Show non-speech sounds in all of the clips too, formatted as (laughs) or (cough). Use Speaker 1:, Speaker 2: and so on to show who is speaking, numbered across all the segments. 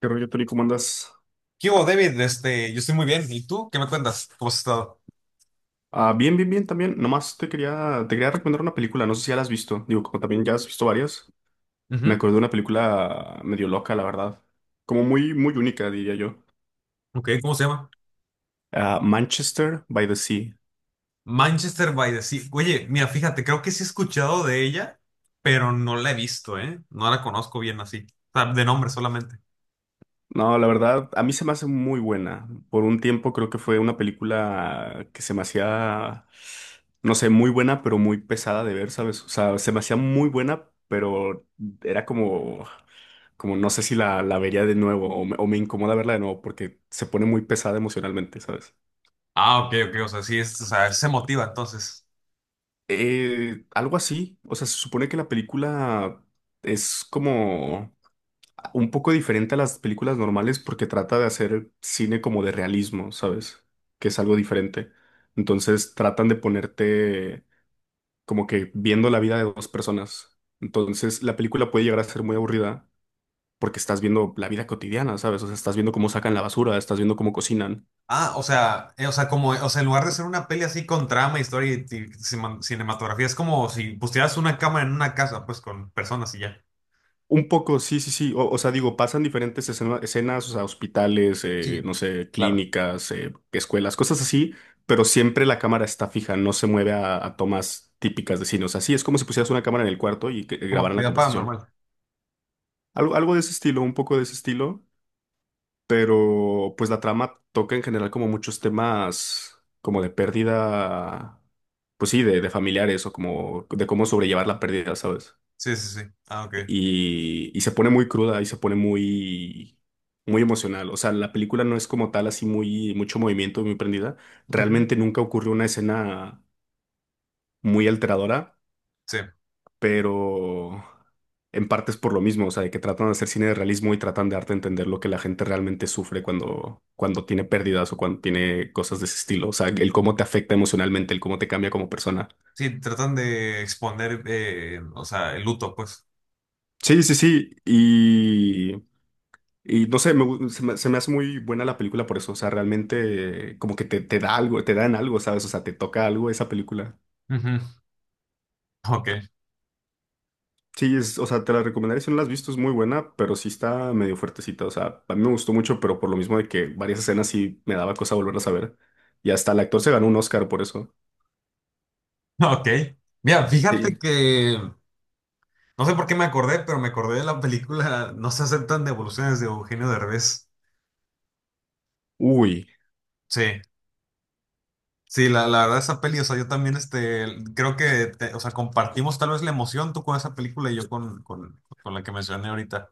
Speaker 1: ¿Qué rollo, Tori? ¿Cómo andas?
Speaker 2: ¿Qué hubo, David? Yo estoy muy bien. ¿Y tú? ¿Qué me cuentas? ¿Cómo has estado?
Speaker 1: Ah, bien, bien, bien también. Nomás te quería recomendar una película. No sé si ya la has visto. Digo, como también ya has visto varias. Me
Speaker 2: Ujú.
Speaker 1: acordé de una película medio loca, la verdad. Como muy, muy única, diría yo.
Speaker 2: Ok, ¿cómo se llama?
Speaker 1: Ah, Manchester by the Sea.
Speaker 2: Manchester by the Sea. Oye, mira, fíjate, creo que sí he escuchado de ella, pero no la he visto, ¿eh? No la conozco bien así. O sea, de nombre solamente.
Speaker 1: No, la verdad, a mí se me hace muy buena. Por un tiempo creo que fue una película que se me hacía, no sé, muy buena, pero muy pesada de ver, ¿sabes? O sea, se me hacía muy buena, pero era como no sé si la vería de nuevo o me incomoda verla de nuevo porque se pone muy pesada emocionalmente, ¿sabes?
Speaker 2: Ah, ok, ok. O sea, sí, o sea, se motiva entonces.
Speaker 1: Algo así, o sea, se supone que la película es como un poco diferente a las películas normales porque trata de hacer cine como de realismo, ¿sabes? Que es algo diferente. Entonces tratan de ponerte como que viendo la vida de dos personas. Entonces la película puede llegar a ser muy aburrida porque estás viendo la vida cotidiana, ¿sabes? O sea, estás viendo cómo sacan la basura, estás viendo cómo cocinan.
Speaker 2: Ah, o sea, o sea, en lugar de ser una peli así con trama, historia y, cinematografía, es como si pusieras una cámara en una casa, pues con personas y ya.
Speaker 1: Un poco, sí, sí, sí. O sea, digo, pasan diferentes escenas, o sea, hospitales,
Speaker 2: Sí.
Speaker 1: no sé,
Speaker 2: Claro.
Speaker 1: clínicas, escuelas, cosas así, pero siempre la cámara está fija, no se mueve a tomas típicas de cine. O sea, sí, es como si pusieras una cámara en el cuarto y
Speaker 2: Como
Speaker 1: grabaran la
Speaker 2: actividad
Speaker 1: conversación.
Speaker 2: paranormal.
Speaker 1: Algo de ese estilo, un poco de ese estilo, pero pues la trama toca en general como muchos temas como de pérdida, pues sí, de familiares o como de cómo sobrellevar la pérdida, ¿sabes?
Speaker 2: Sí, sí, sí. Ah, ok.
Speaker 1: Y se pone muy cruda y se pone muy, muy emocional. O sea, la película no es como tal así muy, mucho movimiento, muy prendida. Realmente nunca ocurrió una escena muy alteradora,
Speaker 2: Sí,
Speaker 1: pero en parte es por lo mismo, o sea, de que tratan de hacer cine de realismo y tratan de darte a entender lo que la gente realmente sufre cuando tiene pérdidas o cuando tiene cosas de ese estilo. O sea, el cómo te afecta emocionalmente, el cómo te cambia como persona.
Speaker 2: sí, tratan de exponer, o sea, el luto, pues.
Speaker 1: Sí, sí, sí. Y no sé, me gu- se me hace muy buena la película por eso. O sea, realmente como que te da algo, te dan algo, ¿sabes? O sea, te toca algo esa película.
Speaker 2: Ujú. Ok,
Speaker 1: Sí, es, o sea, te la recomendaría si no la has visto, es muy buena, pero sí está medio fuertecita. O sea, a mí me gustó mucho, pero por lo mismo de que varias escenas sí me daba cosa volverlas a ver. Y hasta el actor se ganó un Oscar por eso.
Speaker 2: (laughs) ok. Mira, fíjate
Speaker 1: Sí.
Speaker 2: que no sé por qué me acordé, pero me acordé de la película No se aceptan devoluciones de Eugenio Derbez.
Speaker 1: Uy,
Speaker 2: Sí, sí, la verdad esa peli, o sea, yo también, creo que, o sea, compartimos tal vez la emoción tú con esa película y yo con la que mencioné ahorita.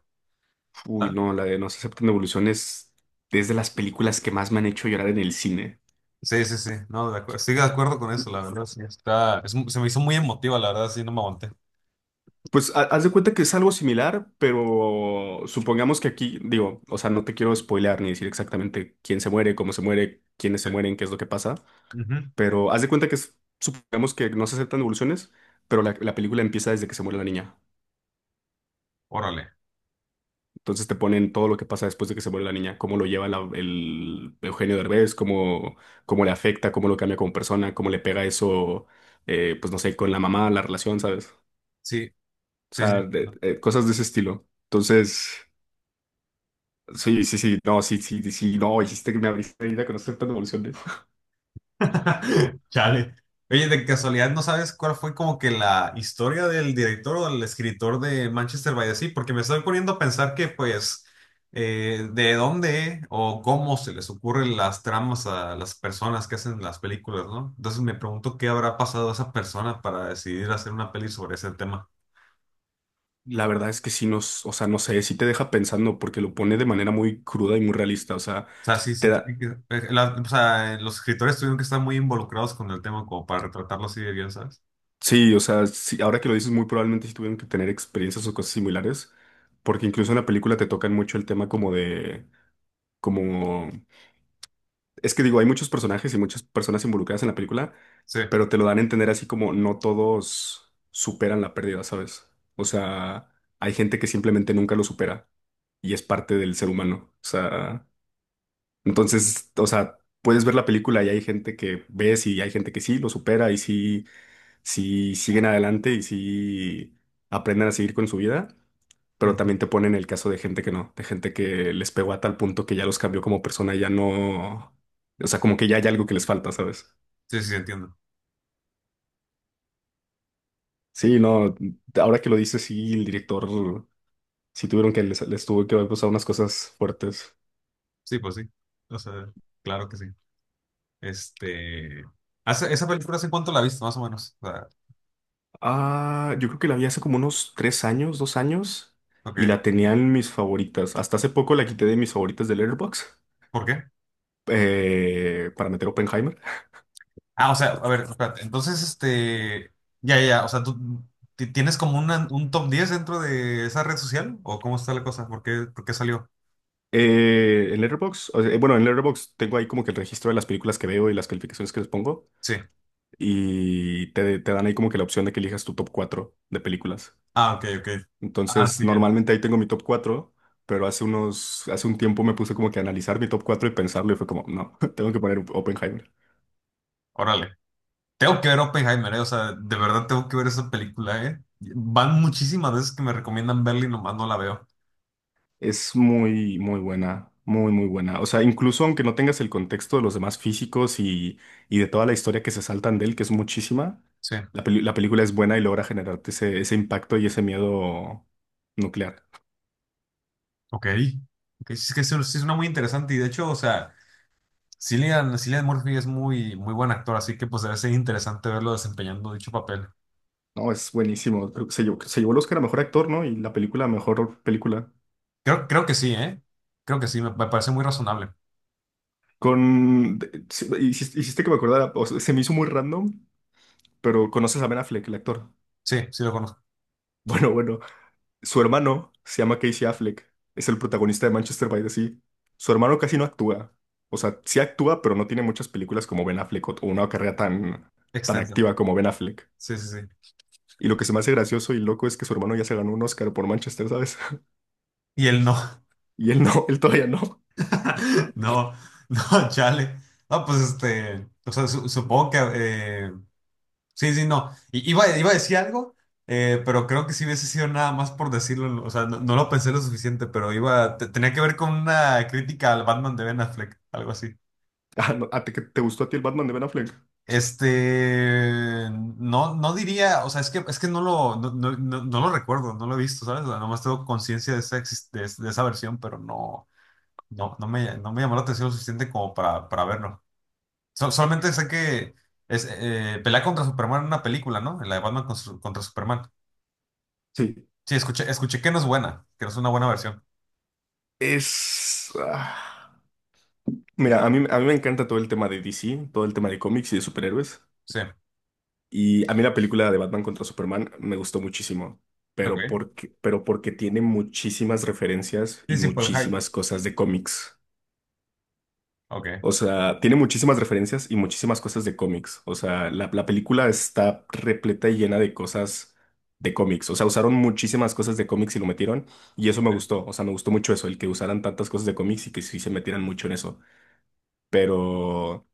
Speaker 1: uy,
Speaker 2: ¿Ah?
Speaker 1: no, la de No se aceptan devoluciones es de las películas que más me han hecho llorar en el cine.
Speaker 2: Sí, sí, sí, no, de acuerdo, estoy de acuerdo con eso, la verdad, sí, es se me hizo muy emotiva, la verdad, sí, no me aguanté.
Speaker 1: Pues haz de cuenta que es algo similar, pero supongamos que aquí, digo, o sea, no te quiero spoilear ni decir exactamente quién se muere, cómo se muere, quiénes se
Speaker 2: Sí.
Speaker 1: mueren, qué es lo que pasa,
Speaker 2: Ujú.
Speaker 1: pero haz de cuenta que supongamos que no se aceptan devoluciones, pero la película empieza desde que se muere la niña.
Speaker 2: Órale,
Speaker 1: Entonces te ponen todo lo que pasa después de que se muere la niña, cómo lo lleva el Eugenio Derbez, cómo le afecta, cómo lo cambia como persona, cómo le pega eso, pues no sé, con la mamá, la relación, ¿sabes?
Speaker 2: sí.
Speaker 1: O
Speaker 2: Sí, sí.
Speaker 1: sea, cosas de ese estilo. Entonces. Sí, sí, sí, no, sí, sí, sí, no, hiciste que me abriste ahorita con estas devoluciones.
Speaker 2: (laughs) Chale. Oye, de casualidad, ¿no sabes cuál fue como que la historia del director o del escritor de Manchester by the Sea? Porque me estoy poniendo a pensar que, pues, de dónde o cómo se les ocurren las tramas a las personas que hacen las películas, ¿no? Entonces me pregunto qué habrá pasado a esa persona para decidir hacer una peli sobre ese tema.
Speaker 1: La verdad es que sí nos, o sea, no sé, sí te deja pensando porque lo pone de manera muy cruda y muy realista, o sea,
Speaker 2: O sea, sí, sí,
Speaker 1: te da,
Speaker 2: la- o sea, los escritores tuvieron que estar muy involucrados con el tema como para retratarlo así de bien, ¿sabes?
Speaker 1: sí, o sea, sí, ahora que lo dices, muy probablemente sí tuvieron que tener experiencias o cosas similares, porque incluso en la película te tocan mucho el tema como de, como, es que digo, hay muchos personajes y muchas personas involucradas en la película,
Speaker 2: Sí.
Speaker 1: pero te lo dan a entender así como no todos superan la pérdida, ¿sabes? O sea, hay gente que simplemente nunca lo supera y es parte del ser humano. O sea, entonces, o sea, puedes ver la película y hay gente que ves y hay gente que sí lo supera y sí, siguen adelante y sí aprenden a seguir con su vida. Pero
Speaker 2: Ujú.
Speaker 1: también te ponen el caso de gente que no, de gente que les pegó a tal punto que ya los cambió como persona y ya no, o sea, como que ya hay algo que les falta, ¿sabes?
Speaker 2: Sí, sí, entiendo.
Speaker 1: Sí, no, ahora que lo dices, sí, el director, sí tuvieron que, les tuvo que haber pasado unas cosas fuertes.
Speaker 2: Sí, pues sí. O sea, claro que sí. Este. ¿Esa película hace cuánto la viste, más o menos? O sea,
Speaker 1: Ah, yo creo que la vi hace como unos 3 años, 2 años, y
Speaker 2: ok.
Speaker 1: la tenía en mis favoritas. Hasta hace poco la quité de mis favoritas de Letterboxd,
Speaker 2: ¿Por qué?
Speaker 1: para meter Oppenheimer.
Speaker 2: Ah, o sea, a ver, espérate. Entonces, Ya, ya, ya. O sea, ¿tú tienes como un top 10 dentro de esa red social? ¿O cómo está la cosa? ¿Por qué salió?
Speaker 1: En Letterboxd, o sea, bueno, en Letterboxd tengo ahí como que el registro de las películas que veo y las calificaciones que les pongo,
Speaker 2: Sí.
Speaker 1: y te dan ahí como que la opción de que elijas tu top 4 de películas.
Speaker 2: Ah, ok, ok. Ah,
Speaker 1: Entonces,
Speaker 2: sí, ya.
Speaker 1: normalmente ahí tengo mi top 4 pero hace un tiempo me puse como que a analizar mi top 4 y pensarlo y fue como, no, (laughs) tengo que poner Oppenheimer.
Speaker 2: Órale. Tengo que ver Oppenheimer, ¿eh? O sea, de verdad tengo que ver esa película, ¿eh? Van muchísimas veces que me recomiendan verla y nomás no la veo.
Speaker 1: Es muy, muy buena, muy, muy buena. O sea, incluso aunque no tengas el contexto de los demás físicos y de toda la historia que se saltan de él, que es muchísima,
Speaker 2: Sí.
Speaker 1: la película es buena y logra generarte ese impacto y ese miedo nuclear.
Speaker 2: Ok, ok, sí, es que eso sí suena muy interesante y de hecho, o sea, Cillian Murphy es muy, muy buen actor, así que pues debe ser interesante verlo desempeñando dicho papel.
Speaker 1: No, es buenísimo. Creo que se llevó el Oscar a mejor actor, ¿no? Y la película a mejor película.
Speaker 2: Creo que sí, ¿eh? Creo que sí, me parece muy razonable.
Speaker 1: Sí, hiciste que me acordara, o sea, se me hizo muy random, pero conoces a Ben Affleck, el actor. (laughs)
Speaker 2: Sí, sí lo conozco.
Speaker 1: Bueno, bueno, su hermano se llama Casey Affleck, es el protagonista de Manchester by the Sea. Su hermano casi no actúa, o sea, sí actúa, pero no tiene muchas películas como Ben Affleck o una carrera tan, tan
Speaker 2: Extenso.
Speaker 1: activa como Ben Affleck.
Speaker 2: Sí, sí, sí.
Speaker 1: Y lo que se me hace gracioso y loco es que su hermano ya se ganó un Oscar por Manchester, ¿sabes? (laughs)
Speaker 2: Y él no,
Speaker 1: Y él no, él todavía no.
Speaker 2: (laughs) no, no, chale. No, pues o sea, supongo que sí, sí, no. Iba a decir algo, pero creo que si hubiese sido nada más por decirlo. O sea, no, no lo pensé lo suficiente, pero iba, tenía que ver con una crítica al Batman de Ben Affleck, algo así.
Speaker 1: (laughs) Ah, no, ¿a ti- que- te, gustó a ti el Batman de Ben Affleck?
Speaker 2: Este, no, no diría, o sea, es que no lo recuerdo, no lo he visto, ¿sabes? O sea, nomás tengo conciencia de esa, de esa versión, pero no, no, no me llamó la atención lo suficiente como para verlo. Solamente sé que es, pelea contra Superman en una película, ¿no? La de Batman contra Superman.
Speaker 1: Sí.
Speaker 2: Sí, escuché que no es buena, que no es una buena versión.
Speaker 1: Es... ah, Mira, a mí me encanta todo el tema de DC, todo el tema de cómics y de superhéroes.
Speaker 2: Sí,
Speaker 1: Y a mí la película de Batman contra Superman me gustó muchísimo, pero
Speaker 2: ok.
Speaker 1: porque, pero porque tiene muchísimas referencias
Speaker 2: Sí,
Speaker 1: y
Speaker 2: sí, por el hype.
Speaker 1: muchísimas cosas de cómics.
Speaker 2: Ok.
Speaker 1: O sea, tiene muchísimas referencias y muchísimas cosas de cómics. O sea, la película está repleta y llena de cosas de cómics. O sea, usaron muchísimas cosas de cómics y lo metieron. Y eso me
Speaker 2: Sí.
Speaker 1: gustó. O sea, me gustó mucho eso, el que usaran tantas cosas de cómics y que sí se metieran mucho en eso. Pero...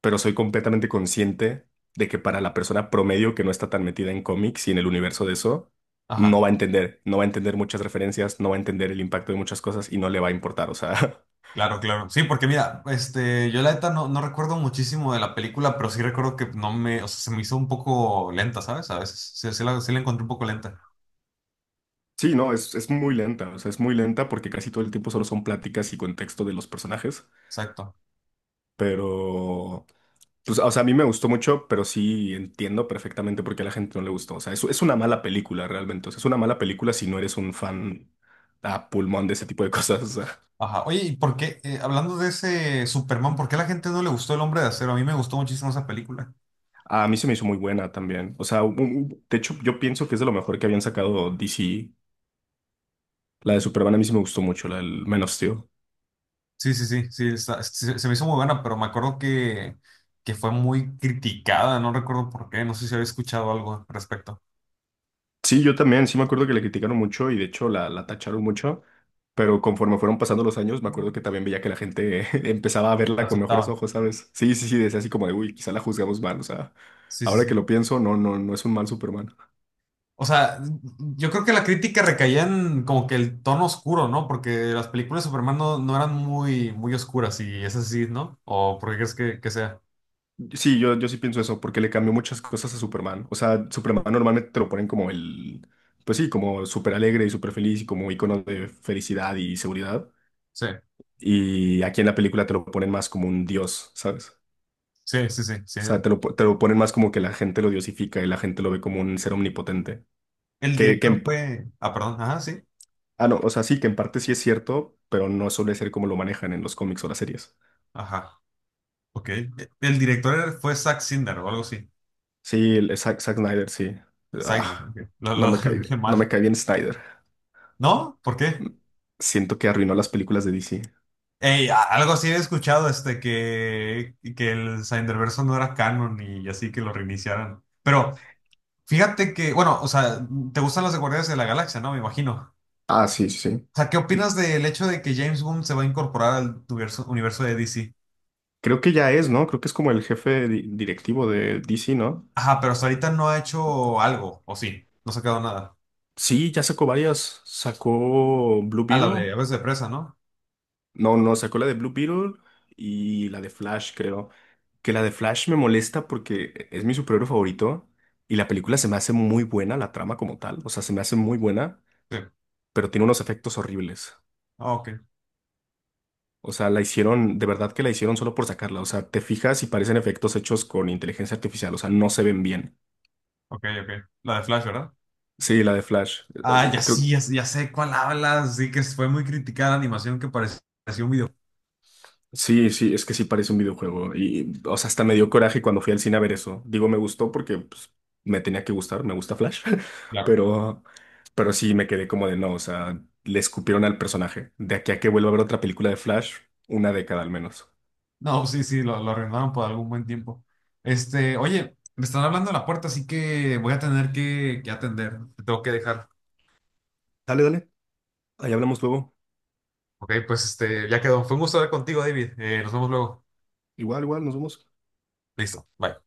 Speaker 1: pero soy completamente consciente de que para la persona promedio que no está tan metida en cómics y en el universo de eso, no
Speaker 2: Ajá,
Speaker 1: va a entender, no va a entender muchas referencias, no va a entender el impacto de muchas cosas y no le va a importar, o sea,
Speaker 2: claro, claro. Sí, porque mira, este, yo la neta no recuerdo muchísimo de la película, pero sí recuerdo que no me, o sea, se me hizo un poco lenta, ¿sabes? A veces, sí, sí la encontré un poco lenta.
Speaker 1: (laughs) sí, no, es muy lenta, o sea, es muy lenta porque casi todo el tiempo solo son pláticas y contexto de los personajes,
Speaker 2: Exacto.
Speaker 1: pero. Pues, o sea, a mí me gustó mucho, pero sí entiendo perfectamente por qué a la gente no le gustó. O sea, es una mala película realmente. O sea, es una mala película si no eres un fan a pulmón de ese tipo de cosas. O sea.
Speaker 2: Ajá. Oye, ¿y por qué, hablando de ese Superman, ¿por qué a la gente no le gustó El Hombre de Acero? A mí me gustó muchísimo esa película.
Speaker 1: A mí se me hizo muy buena también. O sea, de hecho, yo pienso que es de lo mejor que habían sacado DC. La de Superman a mí sí me gustó mucho, la del Man of Steel.
Speaker 2: Sí, sí, sí, sí, se, se me hizo muy buena, pero me acuerdo que fue muy criticada, no recuerdo por qué, no sé si había escuchado algo al respecto.
Speaker 1: Sí, yo también, sí me acuerdo que le criticaron mucho y de hecho la tacharon mucho, pero conforme fueron pasando los años, me acuerdo que también veía que la gente (laughs) empezaba a
Speaker 2: La
Speaker 1: verla con mejores
Speaker 2: aceptaba.
Speaker 1: ojos, ¿sabes? Sí, sí, sí, decía así como de, uy, quizá la juzgamos mal, o sea,
Speaker 2: Sí, sí,
Speaker 1: ahora
Speaker 2: sí.
Speaker 1: que lo pienso, no, no, no es un mal Superman.
Speaker 2: O sea, yo creo que la crítica recaía en como que el tono oscuro, ¿no? Porque las películas de Superman no eran muy, muy oscuras y es así, ¿no? ¿O por qué crees que sea?
Speaker 1: Sí, yo sí pienso eso, porque le cambió muchas cosas a Superman. O sea, Superman normalmente te lo ponen como el, pues sí, como súper alegre y súper feliz y como icono de felicidad y seguridad.
Speaker 2: Sí,
Speaker 1: Y aquí en la película te lo ponen más como un dios, ¿sabes? O
Speaker 2: sí, sí, sí, sí.
Speaker 1: sea, te lo ponen más como que la gente lo diosifica y la gente lo ve como un ser omnipotente.
Speaker 2: El
Speaker 1: Que
Speaker 2: director
Speaker 1: en p-
Speaker 2: fue... Ah, perdón, ajá, sí.
Speaker 1: ah, no, o sea, sí, que en parte sí es cierto, pero no suele ser como lo manejan en los cómics o las series.
Speaker 2: Ajá, ok. El director fue Zack Snyder o algo así.
Speaker 1: Sí, Zack Snyder, sí.
Speaker 2: Snyder,
Speaker 1: Ah,
Speaker 2: ok.
Speaker 1: no me
Speaker 2: (laughs) Lo
Speaker 1: cae
Speaker 2: dije
Speaker 1: bien, no me
Speaker 2: mal.
Speaker 1: cae bien Snyder.
Speaker 2: ¿No? ¿Por qué?
Speaker 1: Siento que arruinó las películas de DC.
Speaker 2: Ey, algo así he escuchado, este, que el Snyderverso no era canon y así que lo reiniciaran. Pero fíjate que, bueno, o sea, te gustan los de Guardianes de la Galaxia, ¿no? Me imagino.
Speaker 1: Ah, sí, sí. Sí.
Speaker 2: O sea, ¿qué opinas del hecho de que James Gunn se va a incorporar al universo de DC?
Speaker 1: Creo que ya es, ¿no? Creo que es como el jefe directivo de DC, ¿no?
Speaker 2: Ajá, pero hasta ahorita no ha hecho algo, ¿o sí? No se ha quedado nada.
Speaker 1: Sí, ya sacó varias. Sacó Blue
Speaker 2: Ah, la de
Speaker 1: Beetle.
Speaker 2: Aves de Presa, ¿no?
Speaker 1: No, no, sacó la de Blue Beetle y la de Flash, creo. Que la de Flash me molesta porque es mi superhéroe favorito y la película se me hace muy buena, la trama como tal. O sea, se me hace muy buena,
Speaker 2: Sí.
Speaker 1: pero tiene unos efectos horribles.
Speaker 2: Ah, ok,
Speaker 1: O sea, la hicieron, de verdad que la hicieron solo por sacarla. O sea, te fijas y parecen efectos hechos con inteligencia artificial. O sea, no se ven bien.
Speaker 2: ok, ok. La de Flash, ¿verdad?
Speaker 1: Sí, la de Flash.
Speaker 2: Ah, ya
Speaker 1: Creo,
Speaker 2: sí, ya, ya sé cuál hablas. Sí, que fue muy criticada la animación que parecía un video.
Speaker 1: sí, sí, es que sí parece un videojuego. Y, o sea, hasta me dio coraje cuando fui al cine a ver eso. Digo, me gustó porque pues, me tenía que gustar, me gusta Flash. (laughs) Pero, pero sí me quedé como de no, o sea, le escupieron al personaje. De aquí a que vuelva a ver otra película de Flash, una década al menos.
Speaker 2: No, sí, sí, lo arrendaron por algún buen tiempo. Este, oye, me están hablando a la puerta, así que voy a tener que atender. Te tengo que dejar.
Speaker 1: Dale, dale. Ahí hablamos luego.
Speaker 2: Ok, pues este, ya quedó. Fue un gusto hablar contigo, David. Nos vemos luego.
Speaker 1: Igual, igual, nos vemos.
Speaker 2: Listo, bye.